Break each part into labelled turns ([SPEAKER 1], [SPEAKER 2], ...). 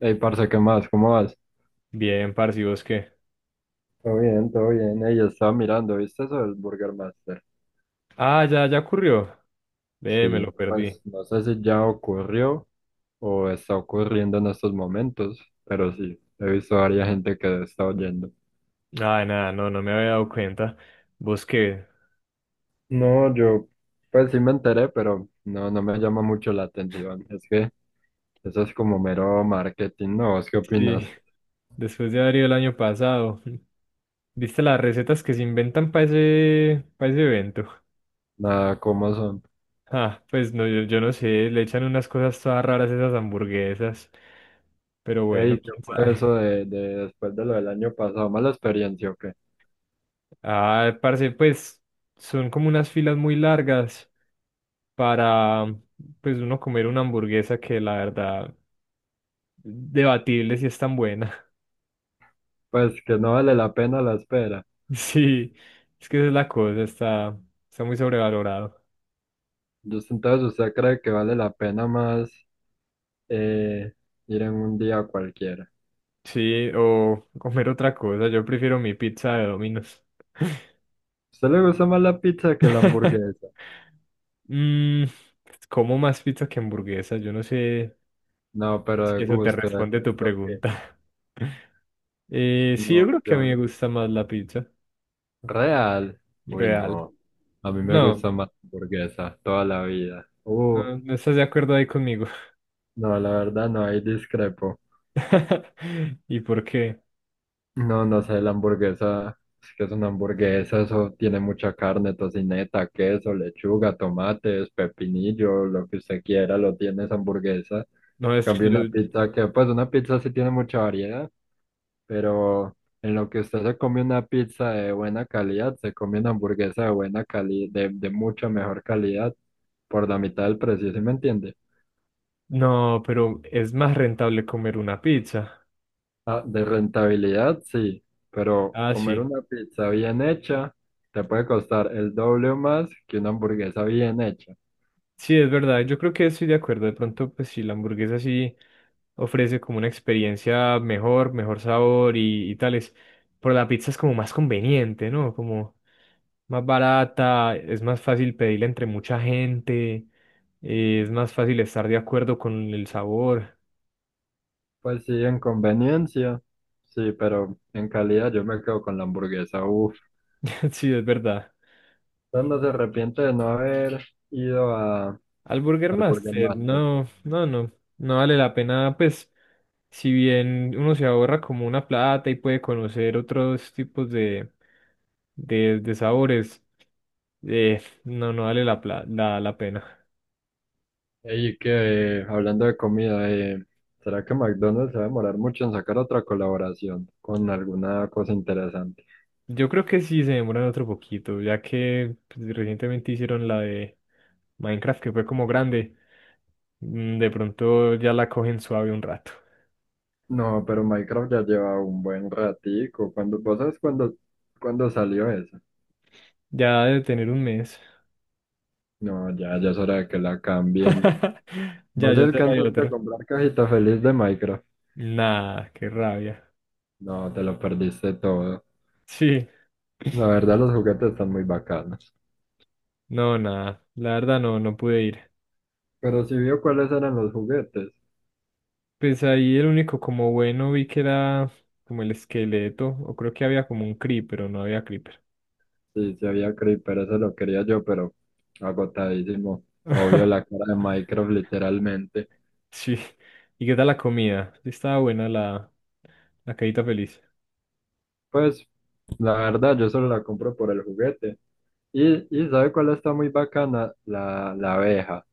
[SPEAKER 1] Ey, parce, ¿qué más? ¿Cómo vas?
[SPEAKER 2] Bien, parce, ¿y vos qué?
[SPEAKER 1] Todo bien, todo bien. Ella estaba mirando, ¿viste eso del Burger Master?
[SPEAKER 2] Ah, ya ocurrió. Me lo
[SPEAKER 1] Sí,
[SPEAKER 2] perdí.
[SPEAKER 1] pues no sé si ya ocurrió o está ocurriendo en estos momentos, pero sí, he visto a varias gente que está oyendo.
[SPEAKER 2] Ah, nada, no me había dado cuenta. ¿Vos qué?
[SPEAKER 1] No, yo, pues sí me enteré, pero no, no me llama mucho la atención. Es que eso es como mero marketing, ¿no? ¿Vos qué
[SPEAKER 2] Sí,
[SPEAKER 1] opinas?
[SPEAKER 2] después de haber ido el año pasado. ¿Viste las recetas que se inventan para ese evento?
[SPEAKER 1] Nada, ¿cómo son?
[SPEAKER 2] Ah, pues no, yo no sé, le echan unas cosas todas raras a esas hamburguesas. Pero bueno,
[SPEAKER 1] Ey, ¿qué
[SPEAKER 2] quién
[SPEAKER 1] fue
[SPEAKER 2] sabe.
[SPEAKER 1] eso de después de lo del año pasado? ¿Mala experiencia o qué?
[SPEAKER 2] Ah, parce, pues son como unas filas muy largas para, pues uno comer una hamburguesa que la verdad debatible si es tan buena.
[SPEAKER 1] Pues que no vale la pena la espera.
[SPEAKER 2] Sí, es que esa es la cosa, está muy sobrevalorado.
[SPEAKER 1] Entonces, ¿usted cree que vale la pena más eh, ir en un día cualquiera? ¿A
[SPEAKER 2] Sí, o comer otra cosa, yo prefiero mi pizza de Domino's.
[SPEAKER 1] ¿Usted le gusta más la pizza que la hamburguesa?
[SPEAKER 2] Mm, pues, como más pizza que hamburguesa, yo no sé
[SPEAKER 1] No, pero
[SPEAKER 2] si
[SPEAKER 1] de
[SPEAKER 2] eso te
[SPEAKER 1] gusto, de
[SPEAKER 2] responde tu
[SPEAKER 1] gusto que
[SPEAKER 2] pregunta. Sí, yo creo
[SPEAKER 1] no,
[SPEAKER 2] que a mí
[SPEAKER 1] yo,
[SPEAKER 2] me gusta más la pizza,
[SPEAKER 1] real. Uy,
[SPEAKER 2] real.
[SPEAKER 1] no. A mí me
[SPEAKER 2] No,
[SPEAKER 1] gusta más la hamburguesa toda la vida. Uf,
[SPEAKER 2] no estás de acuerdo ahí conmigo.
[SPEAKER 1] no, la verdad no, ahí discrepo.
[SPEAKER 2] ¿Y por qué?
[SPEAKER 1] No, no sé, la hamburguesa, es que es una hamburguesa, eso tiene mucha carne, tocineta, queso, lechuga, tomates, pepinillo, lo que usted quiera, lo tiene esa hamburguesa.
[SPEAKER 2] No, es que
[SPEAKER 1] Cambio
[SPEAKER 2] yo.
[SPEAKER 1] una pizza que, pues una pizza sí tiene mucha variedad, pero en lo que usted se come una pizza de buena calidad, se come una hamburguesa de buena calidad, de mucha mejor calidad, por la mitad del precio, ¿sí me entiende?
[SPEAKER 2] No, pero es más rentable comer una pizza.
[SPEAKER 1] Ah, de rentabilidad, sí, pero
[SPEAKER 2] Ah,
[SPEAKER 1] comer
[SPEAKER 2] sí.
[SPEAKER 1] una pizza bien hecha te puede costar el doble o más que una hamburguesa bien hecha.
[SPEAKER 2] Sí, es verdad. Yo creo que estoy de acuerdo. De pronto, pues sí, la hamburguesa sí ofrece como una experiencia mejor, mejor sabor y tales. Pero la pizza es como más conveniente, ¿no? Como más barata, es más fácil pedirla entre mucha gente, es más fácil estar de acuerdo con el sabor.
[SPEAKER 1] Pues sí, en conveniencia, sí, pero en calidad yo me quedo con la hamburguesa. Uf,
[SPEAKER 2] Sí, es verdad.
[SPEAKER 1] usted no se arrepiente de no haber ido a,
[SPEAKER 2] Al Burger
[SPEAKER 1] al Burger
[SPEAKER 2] Master,
[SPEAKER 1] Master.
[SPEAKER 2] no, no, no, no vale la pena, pues, si bien uno se ahorra como una plata y puede conocer otros tipos de sabores, no, no vale la pena.
[SPEAKER 1] Y que, hablando de comida, ¿será que McDonald's se va a demorar mucho en sacar otra colaboración con alguna cosa interesante?
[SPEAKER 2] Yo creo que sí se demoran otro poquito, ya que pues, recientemente hicieron la de Minecraft, que fue como grande, mm, de pronto ya la cogen suave un rato,
[SPEAKER 1] No, pero Minecraft ya lleva un buen ratico. ¿Vos sabes cuándo salió eso?
[SPEAKER 2] ya de tener un mes,
[SPEAKER 1] No, ya, ya es hora de que la cambien. ¿Vos
[SPEAKER 2] ya será de
[SPEAKER 1] alcanzaste a
[SPEAKER 2] otra.
[SPEAKER 1] comprar cajita feliz de Minecraft?
[SPEAKER 2] Nah, qué rabia.
[SPEAKER 1] No, te lo perdiste todo.
[SPEAKER 2] Sí,
[SPEAKER 1] La verdad, los juguetes están muy bacanos.
[SPEAKER 2] no, nada, la verdad no, no pude ir.
[SPEAKER 1] Pero si vio cuáles eran los juguetes.
[SPEAKER 2] Pues ahí el único como bueno vi que era como el esqueleto, o creo que había como un creep, pero no había creeper.
[SPEAKER 1] Sí, sí había Creeper, eso lo quería yo, pero agotadísimo. Obvio la cara de Minecraft literalmente.
[SPEAKER 2] Sí, ¿y qué tal la comida? Sí, estaba buena la cajita feliz.
[SPEAKER 1] Pues la verdad, yo solo la compro por el juguete. Y ¿sabe cuál está muy bacana? La abeja.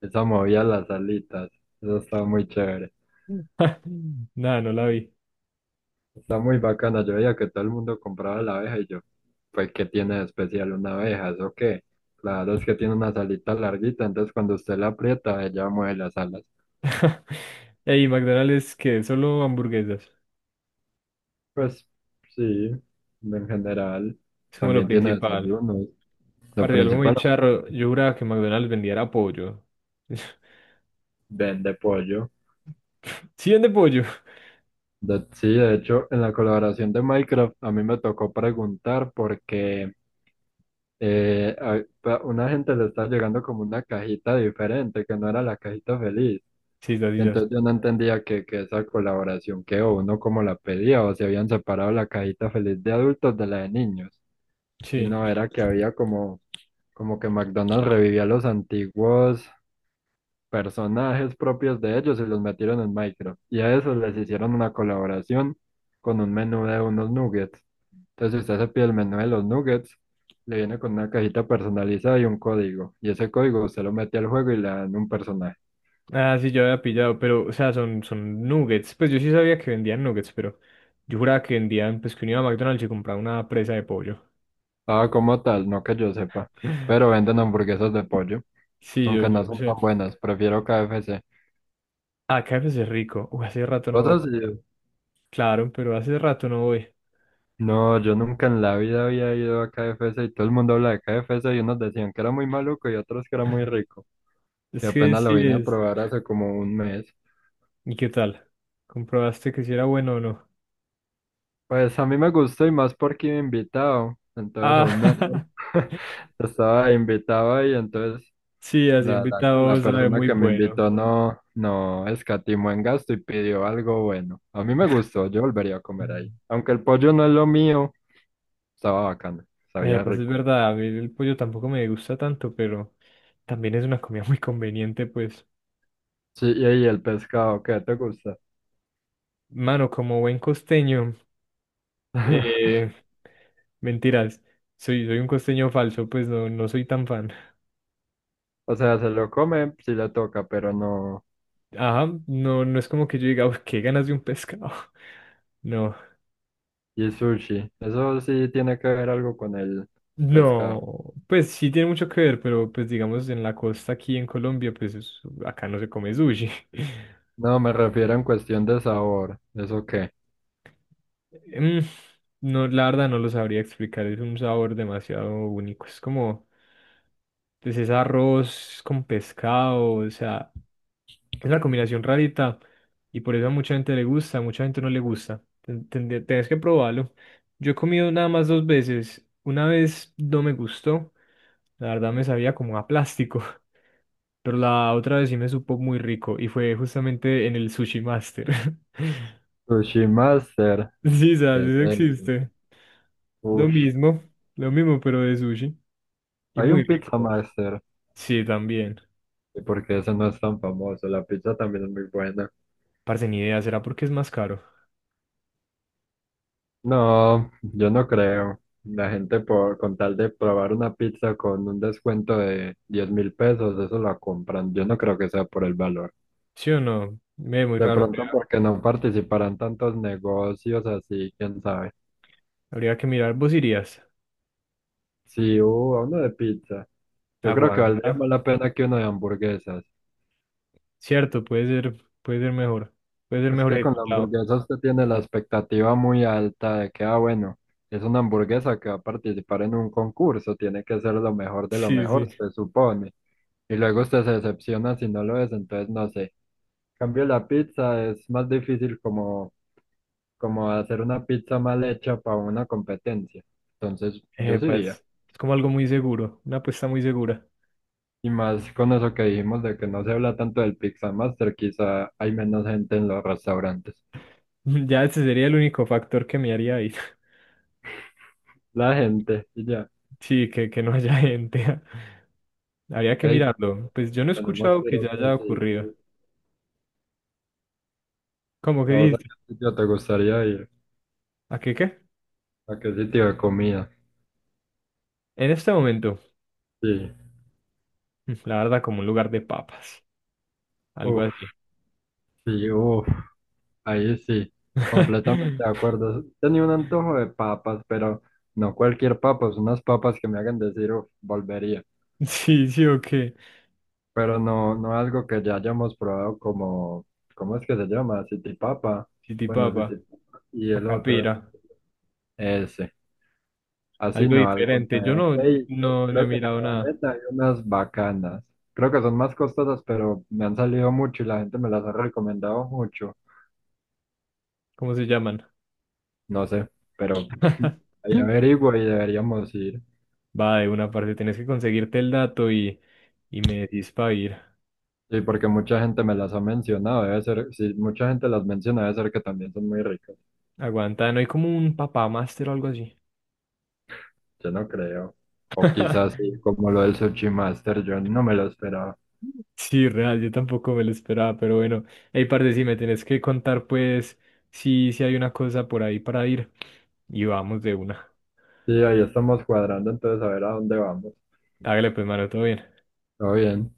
[SPEAKER 1] Esa movía las alitas. Eso estaba muy chévere.
[SPEAKER 2] Mm. Nada, no la vi.
[SPEAKER 1] Está muy bacana. Yo veía que todo el mundo compraba la abeja y yo, pues, ¿qué tiene de especial una abeja? ¿Eso qué? Claro, es que tiene unas alitas larguitas, entonces cuando usted la aprieta, ella mueve las alas.
[SPEAKER 2] Ey, McDonald's que solo hamburguesas,
[SPEAKER 1] Pues sí, en general.
[SPEAKER 2] es como lo ok,
[SPEAKER 1] También tiene
[SPEAKER 2] principal.
[SPEAKER 1] desayunos. Lo
[SPEAKER 2] Aparte algo muy
[SPEAKER 1] principal,
[SPEAKER 2] charro, yo juraba que McDonald's vendiera pollo.
[SPEAKER 1] vende pollo.
[SPEAKER 2] Sí vende pollo.
[SPEAKER 1] Sí, de hecho, en la colaboración de Minecraft, a mí me tocó preguntar porque una gente le estaba llegando como una cajita diferente, que no era la cajita feliz.
[SPEAKER 2] Sí, sí, sí. Sí.
[SPEAKER 1] Entonces yo no entendía que esa colaboración que o uno como la pedía o si habían separado la cajita feliz de adultos de la de niños. Y
[SPEAKER 2] Sí.
[SPEAKER 1] no era que había como que McDonald's revivía los antiguos personajes propios de ellos y los metieron en Minecraft. Y a eso les hicieron una colaboración con un menú de unos nuggets. Entonces usted se pide el menú de los nuggets, le viene con una cajita personalizada y un código. Y ese código usted lo mete al juego y le dan un personaje.
[SPEAKER 2] Ah, sí, yo había pillado, pero, o sea, son nuggets. Pues yo sí sabía que vendían nuggets, pero yo juraba que vendían, pues que uno iba a McDonald's y compraba una presa de pollo.
[SPEAKER 1] Ah, como tal, no que yo sepa. Pero venden
[SPEAKER 2] Sí.
[SPEAKER 1] hamburguesas de pollo,
[SPEAKER 2] Sí,
[SPEAKER 1] aunque
[SPEAKER 2] yo
[SPEAKER 1] no
[SPEAKER 2] no
[SPEAKER 1] son tan
[SPEAKER 2] sé.
[SPEAKER 1] buenas, prefiero KFC.
[SPEAKER 2] Ah, KFC es rico. Uy, hace rato no voy.
[SPEAKER 1] Cosas así.
[SPEAKER 2] Claro, pero hace rato no voy.
[SPEAKER 1] No, yo nunca en la vida había ido a KFC y todo el mundo habla de KFC y unos decían que era muy maluco y otros que era muy rico. Y
[SPEAKER 2] Es que
[SPEAKER 1] apenas lo
[SPEAKER 2] sí
[SPEAKER 1] vine a
[SPEAKER 2] es.
[SPEAKER 1] probar hace como un mes.
[SPEAKER 2] ¿Y qué tal? ¿Comprobaste que si era bueno o no?
[SPEAKER 1] Pues a mí me gustó y más porque iba invitado, entonces aún mejor.
[SPEAKER 2] Ah,
[SPEAKER 1] Estaba invitado y entonces
[SPEAKER 2] sí, así
[SPEAKER 1] la
[SPEAKER 2] invitado sabe
[SPEAKER 1] persona
[SPEAKER 2] muy
[SPEAKER 1] que me
[SPEAKER 2] bueno.
[SPEAKER 1] invitó no, no escatimó en gasto y pidió algo bueno. A mí me gustó, yo volvería a comer ahí. Aunque el pollo no es lo mío, estaba bacano, sabía
[SPEAKER 2] Pues es
[SPEAKER 1] rico.
[SPEAKER 2] verdad, a mí el pollo tampoco me gusta tanto, pero también es una comida muy conveniente, pues.
[SPEAKER 1] Sí, y ahí el pescado, ¿qué te gusta?
[SPEAKER 2] Mano, como buen costeño, eh, mentiras, soy un costeño falso, pues no, no soy tan fan.
[SPEAKER 1] O sea, se lo come si le toca, pero no.
[SPEAKER 2] Ajá, no, no es como que yo diga, "Uf, qué ganas de un pescado". No,
[SPEAKER 1] Y sushi, eso sí tiene que ver algo con el pescado.
[SPEAKER 2] no, pues sí tiene mucho que ver, pero pues digamos en la costa aquí en Colombia, pues acá no se come sushi.
[SPEAKER 1] No, me refiero en cuestión de sabor. ¿Eso qué?
[SPEAKER 2] Mm, no, la verdad no lo sabría explicar, es un sabor demasiado único, es como, pues es arroz con pescado, o sea... Es una combinación rarita y por eso a mucha gente le gusta, a mucha gente no le gusta. Tenés que probarlo. Yo he comido nada más dos veces. Una vez no me gustó, la verdad me sabía como a plástico, pero la otra vez sí me supo muy rico y fue justamente en el Sushi Master.
[SPEAKER 1] Sushi Master.
[SPEAKER 2] Sí,
[SPEAKER 1] ¿Qué
[SPEAKER 2] sabes,
[SPEAKER 1] es
[SPEAKER 2] eso
[SPEAKER 1] eso?
[SPEAKER 2] existe. Lo
[SPEAKER 1] Ush.
[SPEAKER 2] mismo, lo mismo, pero de sushi y
[SPEAKER 1] Hay
[SPEAKER 2] muy
[SPEAKER 1] un
[SPEAKER 2] rico,
[SPEAKER 1] Pizza
[SPEAKER 2] pues.
[SPEAKER 1] Master.
[SPEAKER 2] Sí, también.
[SPEAKER 1] ¿Y por qué ese no es tan famoso? La pizza también es muy buena.
[SPEAKER 2] Parce, ni idea, ¿será porque es más caro?
[SPEAKER 1] No, yo no creo. La gente por con tal de probar una pizza con un descuento de 10.000 pesos, eso la compran. Yo no creo que sea por el valor.
[SPEAKER 2] ¿Sí o no? Me ve muy
[SPEAKER 1] De
[SPEAKER 2] raro.
[SPEAKER 1] pronto porque no participarán tantos negocios así, quién sabe.
[SPEAKER 2] Habría que mirar, ¿vos irías?
[SPEAKER 1] Sí, hubo uno de pizza. Yo creo que valdría más
[SPEAKER 2] Aguanta.
[SPEAKER 1] la pena que uno de hamburguesas.
[SPEAKER 2] Cierto, puede ser mejor. Puede ser
[SPEAKER 1] Es
[SPEAKER 2] mejor
[SPEAKER 1] que con la
[SPEAKER 2] ejecutado.
[SPEAKER 1] hamburguesa usted tiene la expectativa muy alta de que, ah, bueno, es una hamburguesa que va a participar en un concurso, tiene que ser lo mejor de lo
[SPEAKER 2] Sí,
[SPEAKER 1] mejor,
[SPEAKER 2] sí.
[SPEAKER 1] se supone. Y luego usted se decepciona si no lo es, entonces no sé. En cambio, la pizza es más difícil como, hacer una pizza mal hecha para una competencia. Entonces, yo sí iría.
[SPEAKER 2] Pues, es como algo muy seguro, una apuesta muy segura.
[SPEAKER 1] Y más con eso que dijimos de que no se habla tanto del Pizza Master, quizá hay menos gente en los restaurantes.
[SPEAKER 2] Ya ese sería el único factor que me haría ir.
[SPEAKER 1] La gente, y ya.
[SPEAKER 2] Sí, que no haya gente. Habría que
[SPEAKER 1] Ey,
[SPEAKER 2] mirarlo. Pues yo no he
[SPEAKER 1] tenemos
[SPEAKER 2] escuchado
[SPEAKER 1] que ir
[SPEAKER 2] que
[SPEAKER 1] a
[SPEAKER 2] ya
[SPEAKER 1] otro
[SPEAKER 2] haya ocurrido.
[SPEAKER 1] sitio.
[SPEAKER 2] ¿Cómo que
[SPEAKER 1] ¿A vos a
[SPEAKER 2] dices?
[SPEAKER 1] qué sitio te gustaría ir?
[SPEAKER 2] ¿A qué qué?
[SPEAKER 1] ¿A qué sitio de comida?
[SPEAKER 2] En este momento,
[SPEAKER 1] Sí.
[SPEAKER 2] mm, la verdad, como un lugar de papas. Algo
[SPEAKER 1] Uf,
[SPEAKER 2] así.
[SPEAKER 1] sí, uf. Ahí sí. Completamente de acuerdo. Tenía un antojo de papas, pero no cualquier papas, unas papas que me hagan decir, uf, volvería.
[SPEAKER 2] Sí, ok, sí, o qué.
[SPEAKER 1] Pero no, no algo que ya hayamos probado ¿cómo es que se llama? City Papa. Bueno,
[SPEAKER 2] Chitipapa.
[SPEAKER 1] City Papa. Y
[SPEAKER 2] O
[SPEAKER 1] el otro,
[SPEAKER 2] capira.
[SPEAKER 1] ese. Así
[SPEAKER 2] Algo
[SPEAKER 1] no, algo
[SPEAKER 2] diferente. Yo
[SPEAKER 1] nuevo.
[SPEAKER 2] no,
[SPEAKER 1] Ey, yo
[SPEAKER 2] no, no he
[SPEAKER 1] creo que en
[SPEAKER 2] mirado nada.
[SPEAKER 1] Sabaneta hay unas bacanas. Creo que son más costosas, pero me han salido mucho y la gente me las ha recomendado mucho.
[SPEAKER 2] ¿Cómo se llaman?
[SPEAKER 1] No sé, pero ahí averiguo y deberíamos ir.
[SPEAKER 2] Va, de una parte tienes que conseguirte el dato y me decís para ir.
[SPEAKER 1] Sí, porque mucha gente me las ha mencionado. Debe ser, si mucha gente las menciona, debe ser que también son muy ricas.
[SPEAKER 2] Aguanta, no hay como un papá máster o algo así.
[SPEAKER 1] Yo no creo. O quizás sí, como lo del Sushi Master, yo no me lo esperaba.
[SPEAKER 2] Sí, real, yo tampoco me lo esperaba, pero bueno. Hey, parce, si me tenés que contar, pues, si hay una cosa por ahí para ir. Y vamos de una.
[SPEAKER 1] Sí, ahí estamos cuadrando, entonces a ver a dónde vamos.
[SPEAKER 2] Hágale, pues, mano, todo bien.
[SPEAKER 1] Todo bien.